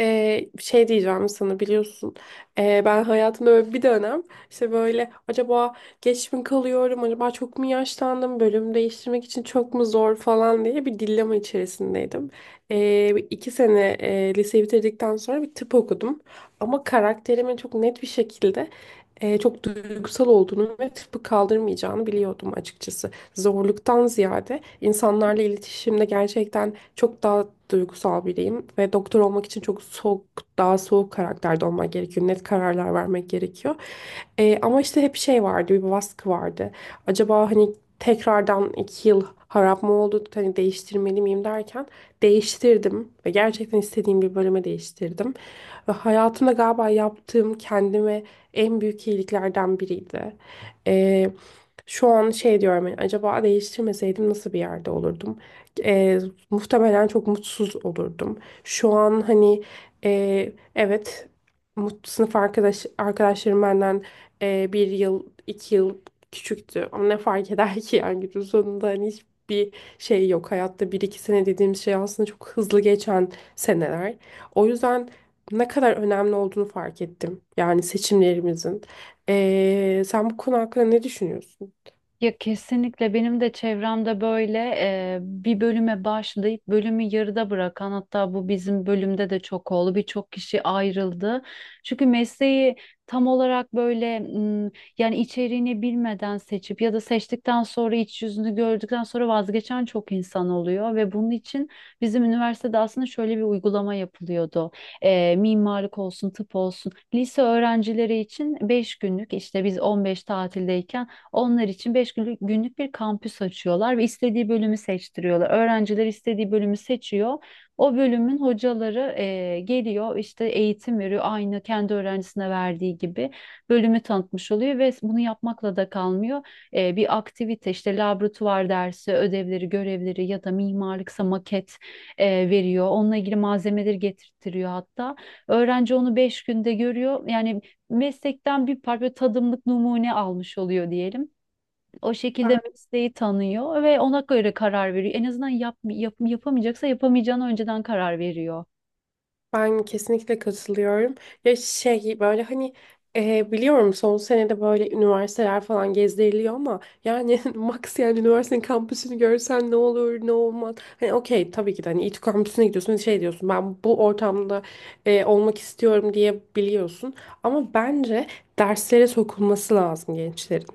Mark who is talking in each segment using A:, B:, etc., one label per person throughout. A: Şey diyeceğim sana, biliyorsun. Ben hayatımda böyle bir dönem, işte böyle acaba geç mi kalıyorum, acaba çok mu yaşlandım, bölüm değiştirmek için çok mu zor falan diye bir dillema içerisindeydim. Bir iki sene liseyi bitirdikten sonra bir tıp okudum, ama karakterime çok net bir şekilde çok duygusal olduğunu ve tıpı kaldırmayacağını biliyordum açıkçası. Zorluktan ziyade insanlarla iletişimde gerçekten çok daha duygusal biriyim ve doktor olmak için çok soğuk, daha soğuk karakterde olmak gerekiyor. Net kararlar vermek gerekiyor. Ama işte hep şey vardı, bir baskı vardı. Acaba hani tekrardan iki yıl harap mı oldu, hani değiştirmeli miyim derken değiştirdim ve gerçekten istediğim bir bölüme değiştirdim. Ve hayatımda galiba yaptığım kendime en büyük iyiliklerden biriydi. Ee, Şu an şey diyorum, hani acaba değiştirmeseydim nasıl bir yerde olurdum? Ee, Muhtemelen çok mutsuz olurdum. Şu an hani, evet, sınıf arkadaşlarım benden bir yıl iki yıl küçüktü, ama ne fark eder ki, yani günün sonunda hani hiçbir şey yok hayatta, bir iki sene dediğimiz şey aslında çok hızlı geçen seneler. O yüzden ne kadar önemli olduğunu fark ettim. Yani seçimlerimizin. Sen bu konu hakkında ne düşünüyorsun?
B: Ya kesinlikle benim de çevremde böyle bir bölüme başlayıp bölümü yarıda bırakan hatta bu bizim bölümde de çok oldu. Birçok kişi ayrıldı. Çünkü mesleği tam olarak böyle yani içeriğini bilmeden seçip ya da seçtikten sonra iç yüzünü gördükten sonra vazgeçen çok insan oluyor ve bunun için bizim üniversitede aslında şöyle bir uygulama yapılıyordu. Mimarlık olsun, tıp olsun. Lise öğrencileri için 5 günlük işte biz 15 tatildeyken onlar için günlük bir kampüs açıyorlar ve istediği bölümü seçtiriyorlar. Öğrenciler istediği bölümü seçiyor. O bölümün hocaları geliyor işte eğitim veriyor aynı kendi öğrencisine verdiği gibi bölümü tanıtmış oluyor ve bunu yapmakla da kalmıyor. Bir aktivite işte laboratuvar dersi, ödevleri, görevleri ya da mimarlıksa maket veriyor. Onunla ilgili malzemeleri getirtiyor hatta. Öğrenci onu 5 günde görüyor. Yani meslekten bir parça tadımlık numune almış oluyor diyelim. O
A: Ben
B: şekilde mesleği tanıyor ve ona göre karar veriyor. En azından yapamayacaksa yapamayacağını önceden karar veriyor.
A: Ben kesinlikle katılıyorum. Ya şey böyle hani biliyorum son senede böyle üniversiteler falan gezdiriliyor, ama yani max yani üniversitenin kampüsünü görsen ne olur ne olmaz. Hani okey, tabii ki de hani İTÜ kampüsüne gidiyorsun, şey diyorsun ben bu ortamda olmak istiyorum diye biliyorsun. Ama bence derslere sokulması lazım gençlerin.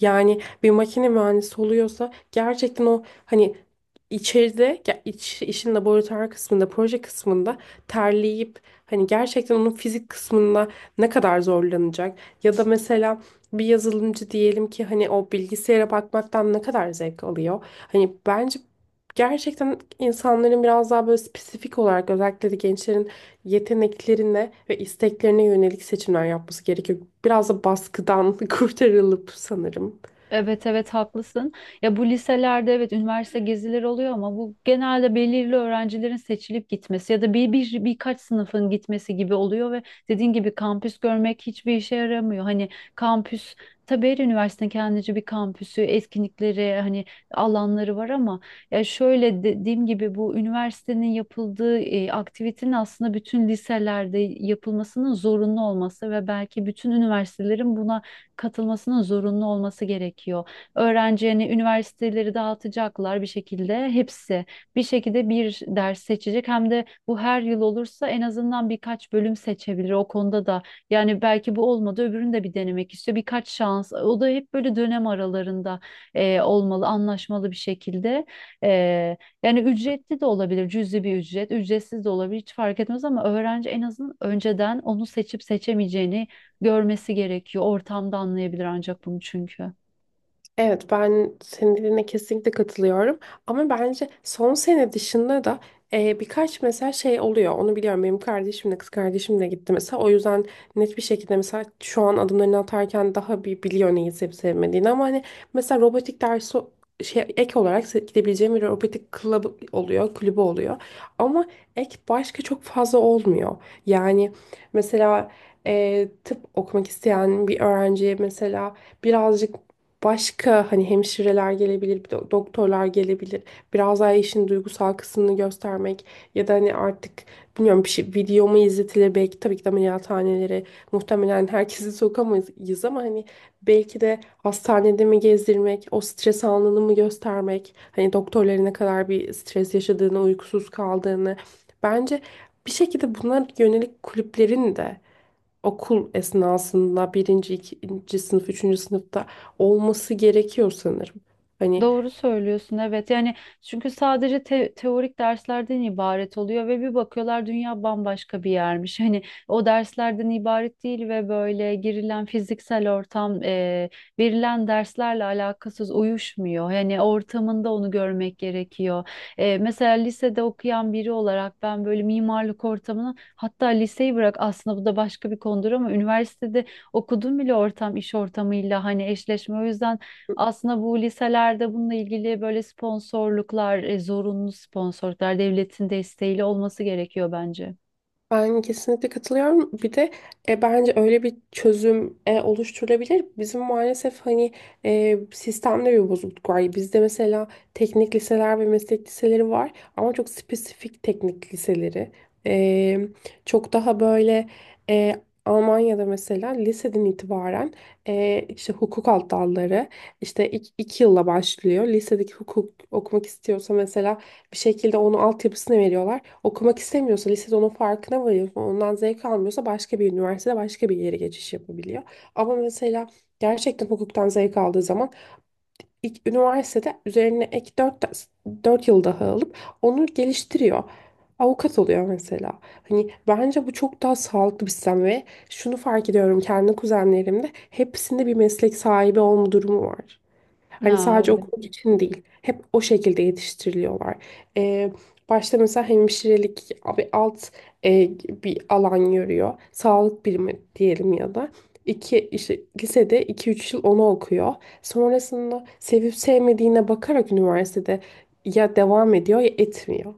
A: Yani bir makine mühendisi oluyorsa gerçekten o hani içeride ya işin laboratuvar kısmında, proje kısmında terleyip hani gerçekten onun fizik kısmında ne kadar zorlanacak, ya da mesela bir yazılımcı diyelim ki hani o bilgisayara bakmaktan ne kadar zevk alıyor. Hani bence gerçekten insanların biraz daha böyle spesifik olarak, özellikle de gençlerin yeteneklerine ve isteklerine yönelik seçimler yapması gerekiyor. Biraz da baskıdan kurtarılıp sanırım.
B: Evet evet haklısın. Ya bu liselerde evet üniversite gezileri oluyor ama bu genelde belirli öğrencilerin seçilip gitmesi ya da birkaç sınıfın gitmesi gibi oluyor ve dediğin gibi kampüs görmek hiçbir işe yaramıyor. Hani kampüs, tabii her üniversitenin kendince bir kampüsü, etkinlikleri, hani alanları var ama ya şöyle dediğim gibi bu üniversitenin yapıldığı aktivitenin aslında bütün liselerde yapılmasının zorunlu olması ve belki bütün üniversitelerin buna katılmasının zorunlu olması gerekiyor. Öğrencilerini üniversiteleri dağıtacaklar bir şekilde hepsi bir şekilde bir ders seçecek hem de bu her yıl olursa en azından birkaç bölüm seçebilir o konuda da yani belki bu olmadı öbürünü de bir denemek istiyor birkaç şans o da hep böyle dönem aralarında olmalı anlaşmalı bir şekilde. E, Yani ücretli de olabilir cüzi bir ücret, ücretsiz de olabilir hiç fark etmez ama öğrenci en azından önceden onu seçip seçemeyeceğini görmesi gerekiyor. Ortamda anlayabilir ancak bunu çünkü.
A: Evet, ben senin dediğine kesinlikle katılıyorum. Ama bence son sene dışında da birkaç mesela şey oluyor. Onu biliyorum. Benim kardeşim de, kız kardeşim de gitti mesela. O yüzden net bir şekilde, mesela şu an adımlarını atarken daha bir biliyor neyi sevip sevmediğini. Ama hani mesela robotik dersi, şey ek olarak gidebileceğim bir robotik kulübü oluyor, kulübü oluyor. Ama ek başka çok fazla olmuyor. Yani mesela tıp okumak isteyen bir öğrenciye mesela birazcık başka hani hemşireler gelebilir, doktorlar gelebilir. Biraz daha işin duygusal kısmını göstermek, ya da hani artık bilmiyorum bir şey video mu izletilir, belki tabii ki de ameliyathanelere muhtemelen herkesi sokamayız, ama hani belki de hastanede mi gezdirmek, o stres anını mı göstermek, hani doktorların ne kadar bir stres yaşadığını, uykusuz kaldığını. Bence bir şekilde buna yönelik kulüplerin de okul esnasında birinci, ikinci sınıf, üçüncü sınıfta olması gerekiyor sanırım. Hani.
B: Doğru söylüyorsun, evet yani çünkü sadece teorik derslerden ibaret oluyor ve bir bakıyorlar dünya bambaşka bir yermiş. Hani o derslerden ibaret değil ve böyle girilen fiziksel ortam verilen derslerle alakasız, uyuşmuyor. Yani ortamında onu görmek gerekiyor. Mesela lisede okuyan biri olarak ben böyle mimarlık ortamını, hatta liseyi bırak, aslında bu da başka bir konudur ama üniversitede okudum bile, ortam iş ortamıyla hani eşleşme, o yüzden aslında bu liselerde bununla ilgili böyle sponsorluklar, zorunlu sponsorluklar devletin desteğiyle olması gerekiyor bence.
A: Ben kesinlikle katılıyorum. Bir de bence öyle bir çözüm oluşturulabilir. Bizim maalesef hani sistemde bir bozukluk var. Bizde mesela teknik liseler ve meslek liseleri var, ama çok spesifik teknik liseleri. E, Çok daha böyle, e, Almanya'da mesela liseden itibaren işte hukuk alt dalları, işte iki yılla başlıyor. Lisedeki hukuk okumak istiyorsa mesela bir şekilde onu altyapısını veriyorlar. Okumak istemiyorsa, lisede onun farkına varıyor, ondan zevk almıyorsa başka bir üniversitede başka bir yere geçiş yapabiliyor. Ama mesela gerçekten hukuktan zevk aldığı zaman ilk üniversitede üzerine ek 4 yıl daha alıp onu geliştiriyor. Avukat oluyor mesela. Hani bence bu çok daha sağlıklı bir sistem ve şunu fark ediyorum, kendi kuzenlerimde hepsinde bir meslek sahibi olma durumu var. Hani
B: Ha,
A: sadece
B: evet.
A: okul için değil. Hep o şekilde yetiştiriliyorlar. Ee, Başta mesela hemşirelik bir alt, e, bir alan görüyor. Sağlık birimi diyelim, ya da. İşte lisede iki üç yıl onu okuyor. Sonrasında sevip sevmediğine bakarak üniversitede ya devam ediyor ya etmiyor.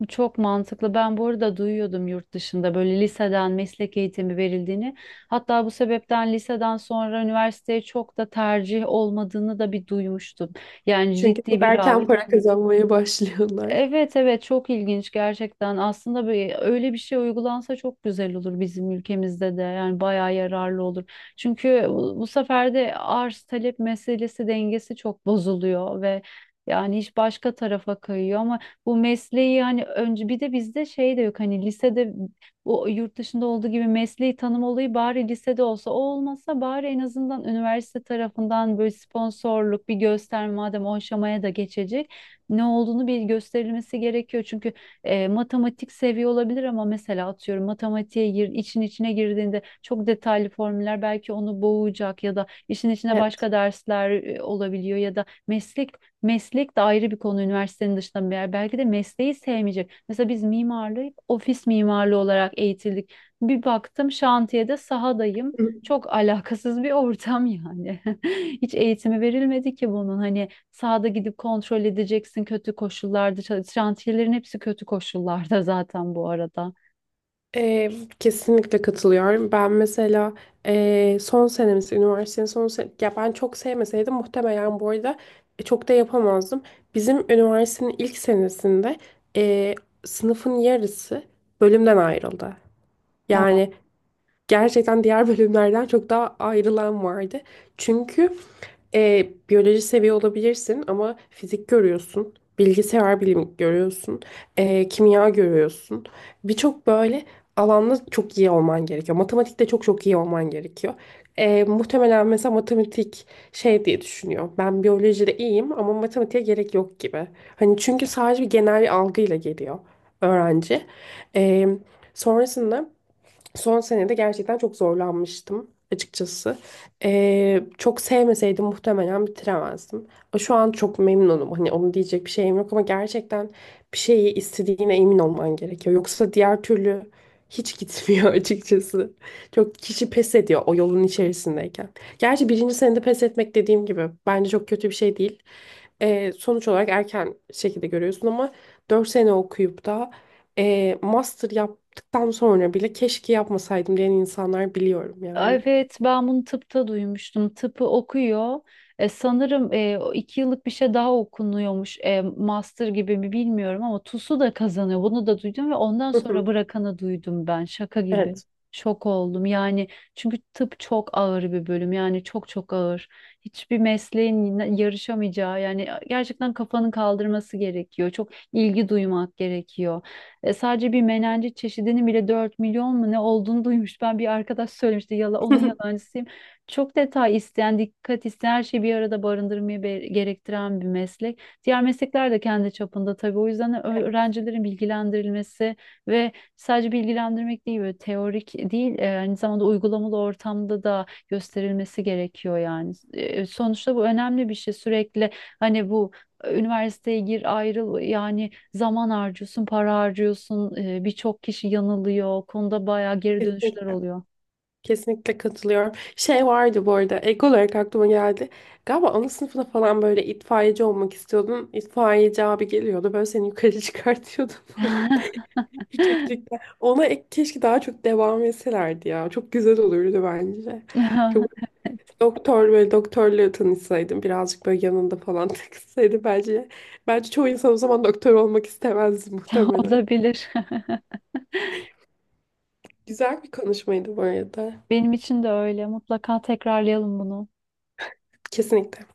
B: Bu çok mantıklı. Ben bu arada duyuyordum yurt dışında böyle liseden meslek eğitimi verildiğini. Hatta bu sebepten liseden sonra üniversiteye çok da tercih olmadığını da bir duymuştum. Yani
A: Çünkü
B: ciddi
A: çok
B: bir
A: erken
B: rağbet yok.
A: para kazanmaya başlıyorlar.
B: Evet evet, çok ilginç gerçekten. Aslında böyle, öyle bir şey uygulansa çok güzel olur bizim ülkemizde de. Yani bayağı yararlı olur. Çünkü bu sefer de arz talep meselesi dengesi çok bozuluyor ve yani iş başka tarafa kayıyor ama bu mesleği hani önce, bir de bizde şey de yok hani lisede bu yurt dışında olduğu gibi mesleği tanım olayı, bari lisede olsa, o olmasa bari en azından üniversite tarafından böyle sponsorluk bir göster, madem o aşamaya da geçecek, ne olduğunu bir gösterilmesi gerekiyor. Çünkü matematik seviye olabilir ama mesela atıyorum için içine girdiğinde çok detaylı formüller belki onu boğacak ya da işin içine
A: Evet.
B: başka dersler olabiliyor ya da meslek de ayrı bir konu, üniversitenin dışında bir yer. Belki de mesleği sevmeyecek. Mesela biz mimarlığı ofis mimarlığı olarak eğitildik. Bir baktım şantiyede sahadayım. Çok alakasız bir ortam yani. Hiç eğitimi verilmedi ki bunun. Hani sahada gidip kontrol edeceksin kötü koşullarda. Şantiyelerin hepsi kötü koşullarda zaten bu arada.
A: Ee, Kesinlikle katılıyorum. Ben mesela son senemiz, üniversitenin son sen ya ben çok sevmeseydim muhtemelen bu arada çok da yapamazdım. Bizim üniversitenin ilk senesinde ee, sınıfın yarısı bölümden ayrıldı.
B: Aa.
A: Yani gerçekten diğer bölümlerden çok daha ayrılan vardı. Çünkü biyoloji seviye olabilirsin ama fizik görüyorsun, bilgisayar bilimi görüyorsun, kimya görüyorsun. Birçok böyle alanda çok iyi olman gerekiyor. Matematikte çok çok iyi olman gerekiyor. Muhtemelen mesela matematik şey diye düşünüyor. Ben biyolojide iyiyim ama matematiğe gerek yok gibi. Hani çünkü sadece bir genel bir algıyla geliyor öğrenci. E, Sonrasında... Son senede gerçekten çok zorlanmıştım açıkçası. Çok sevmeseydim muhtemelen bitiremezdim. Şu an çok memnunum. Hani onu diyecek bir şeyim yok, ama gerçekten bir şeyi istediğine emin olman gerekiyor. Yoksa diğer türlü hiç gitmiyor açıkçası. Çok kişi pes ediyor o yolun içerisindeyken. Gerçi birinci senede pes etmek dediğim gibi bence çok kötü bir şey değil. Sonuç olarak erken şekilde görüyorsun, ama 4 sene okuyup da master yap, tam sonra bile keşke yapmasaydım diyen insanlar biliyorum yani.
B: Evet, ben bunu tıpta duymuştum. Tıpı okuyor. Sanırım o 2 yıllık bir şey daha okunuyormuş. Master gibi mi, bilmiyorum ama TUS'u da kazanıyor. Bunu da duydum ve ondan
A: Hı hı.
B: sonra bırakanı duydum ben. Şaka gibi.
A: Evet.
B: Şok oldum. Yani çünkü tıp çok ağır bir bölüm. Yani çok çok ağır. Hiçbir mesleğin yarışamayacağı, yani gerçekten kafanın kaldırması gerekiyor. Çok ilgi duymak gerekiyor. Sadece bir menenci çeşidinin bile 4 milyon mu ne olduğunu duymuş. Ben, bir arkadaş söylemişti. Yala, onun yalancısıyım. Çok detay isteyen, dikkat isteyen, her şeyi bir arada barındırmayı gerektiren bir meslek. Diğer meslekler de kendi çapında tabii. O yüzden
A: Evet.
B: öğrencilerin bilgilendirilmesi ve sadece bilgilendirmek değil, böyle teorik değil, aynı zamanda uygulamalı ortamda da gösterilmesi gerekiyor yani. Sonuçta bu önemli bir şey. Sürekli hani bu üniversiteye gir, ayrıl, yani zaman harcıyorsun, para harcıyorsun. Birçok kişi yanılıyor. O konuda bayağı geri dönüşler
A: Kesinlikle.
B: oluyor.
A: Kesinlikle katılıyorum. Şey vardı bu arada, ek olarak aklıma geldi. Galiba ana sınıfında falan böyle itfaiyeci olmak istiyordun. İtfaiyeci abi geliyordu böyle seni yukarı çıkartıyordu falan. Yükseklikten. Ona ek, keşke daha çok devam etselerdi ya. Çok güzel olurdu bence. Çok Doktor, böyle doktorla tanışsaydım birazcık böyle yanında falan takılsaydı bence. Bence çoğu insan o zaman doktor olmak istemezdi muhtemelen.
B: Olabilir.
A: Güzel bir konuşmaydı bu arada.
B: Benim için de öyle. Mutlaka tekrarlayalım bunu.
A: Kesinlikle.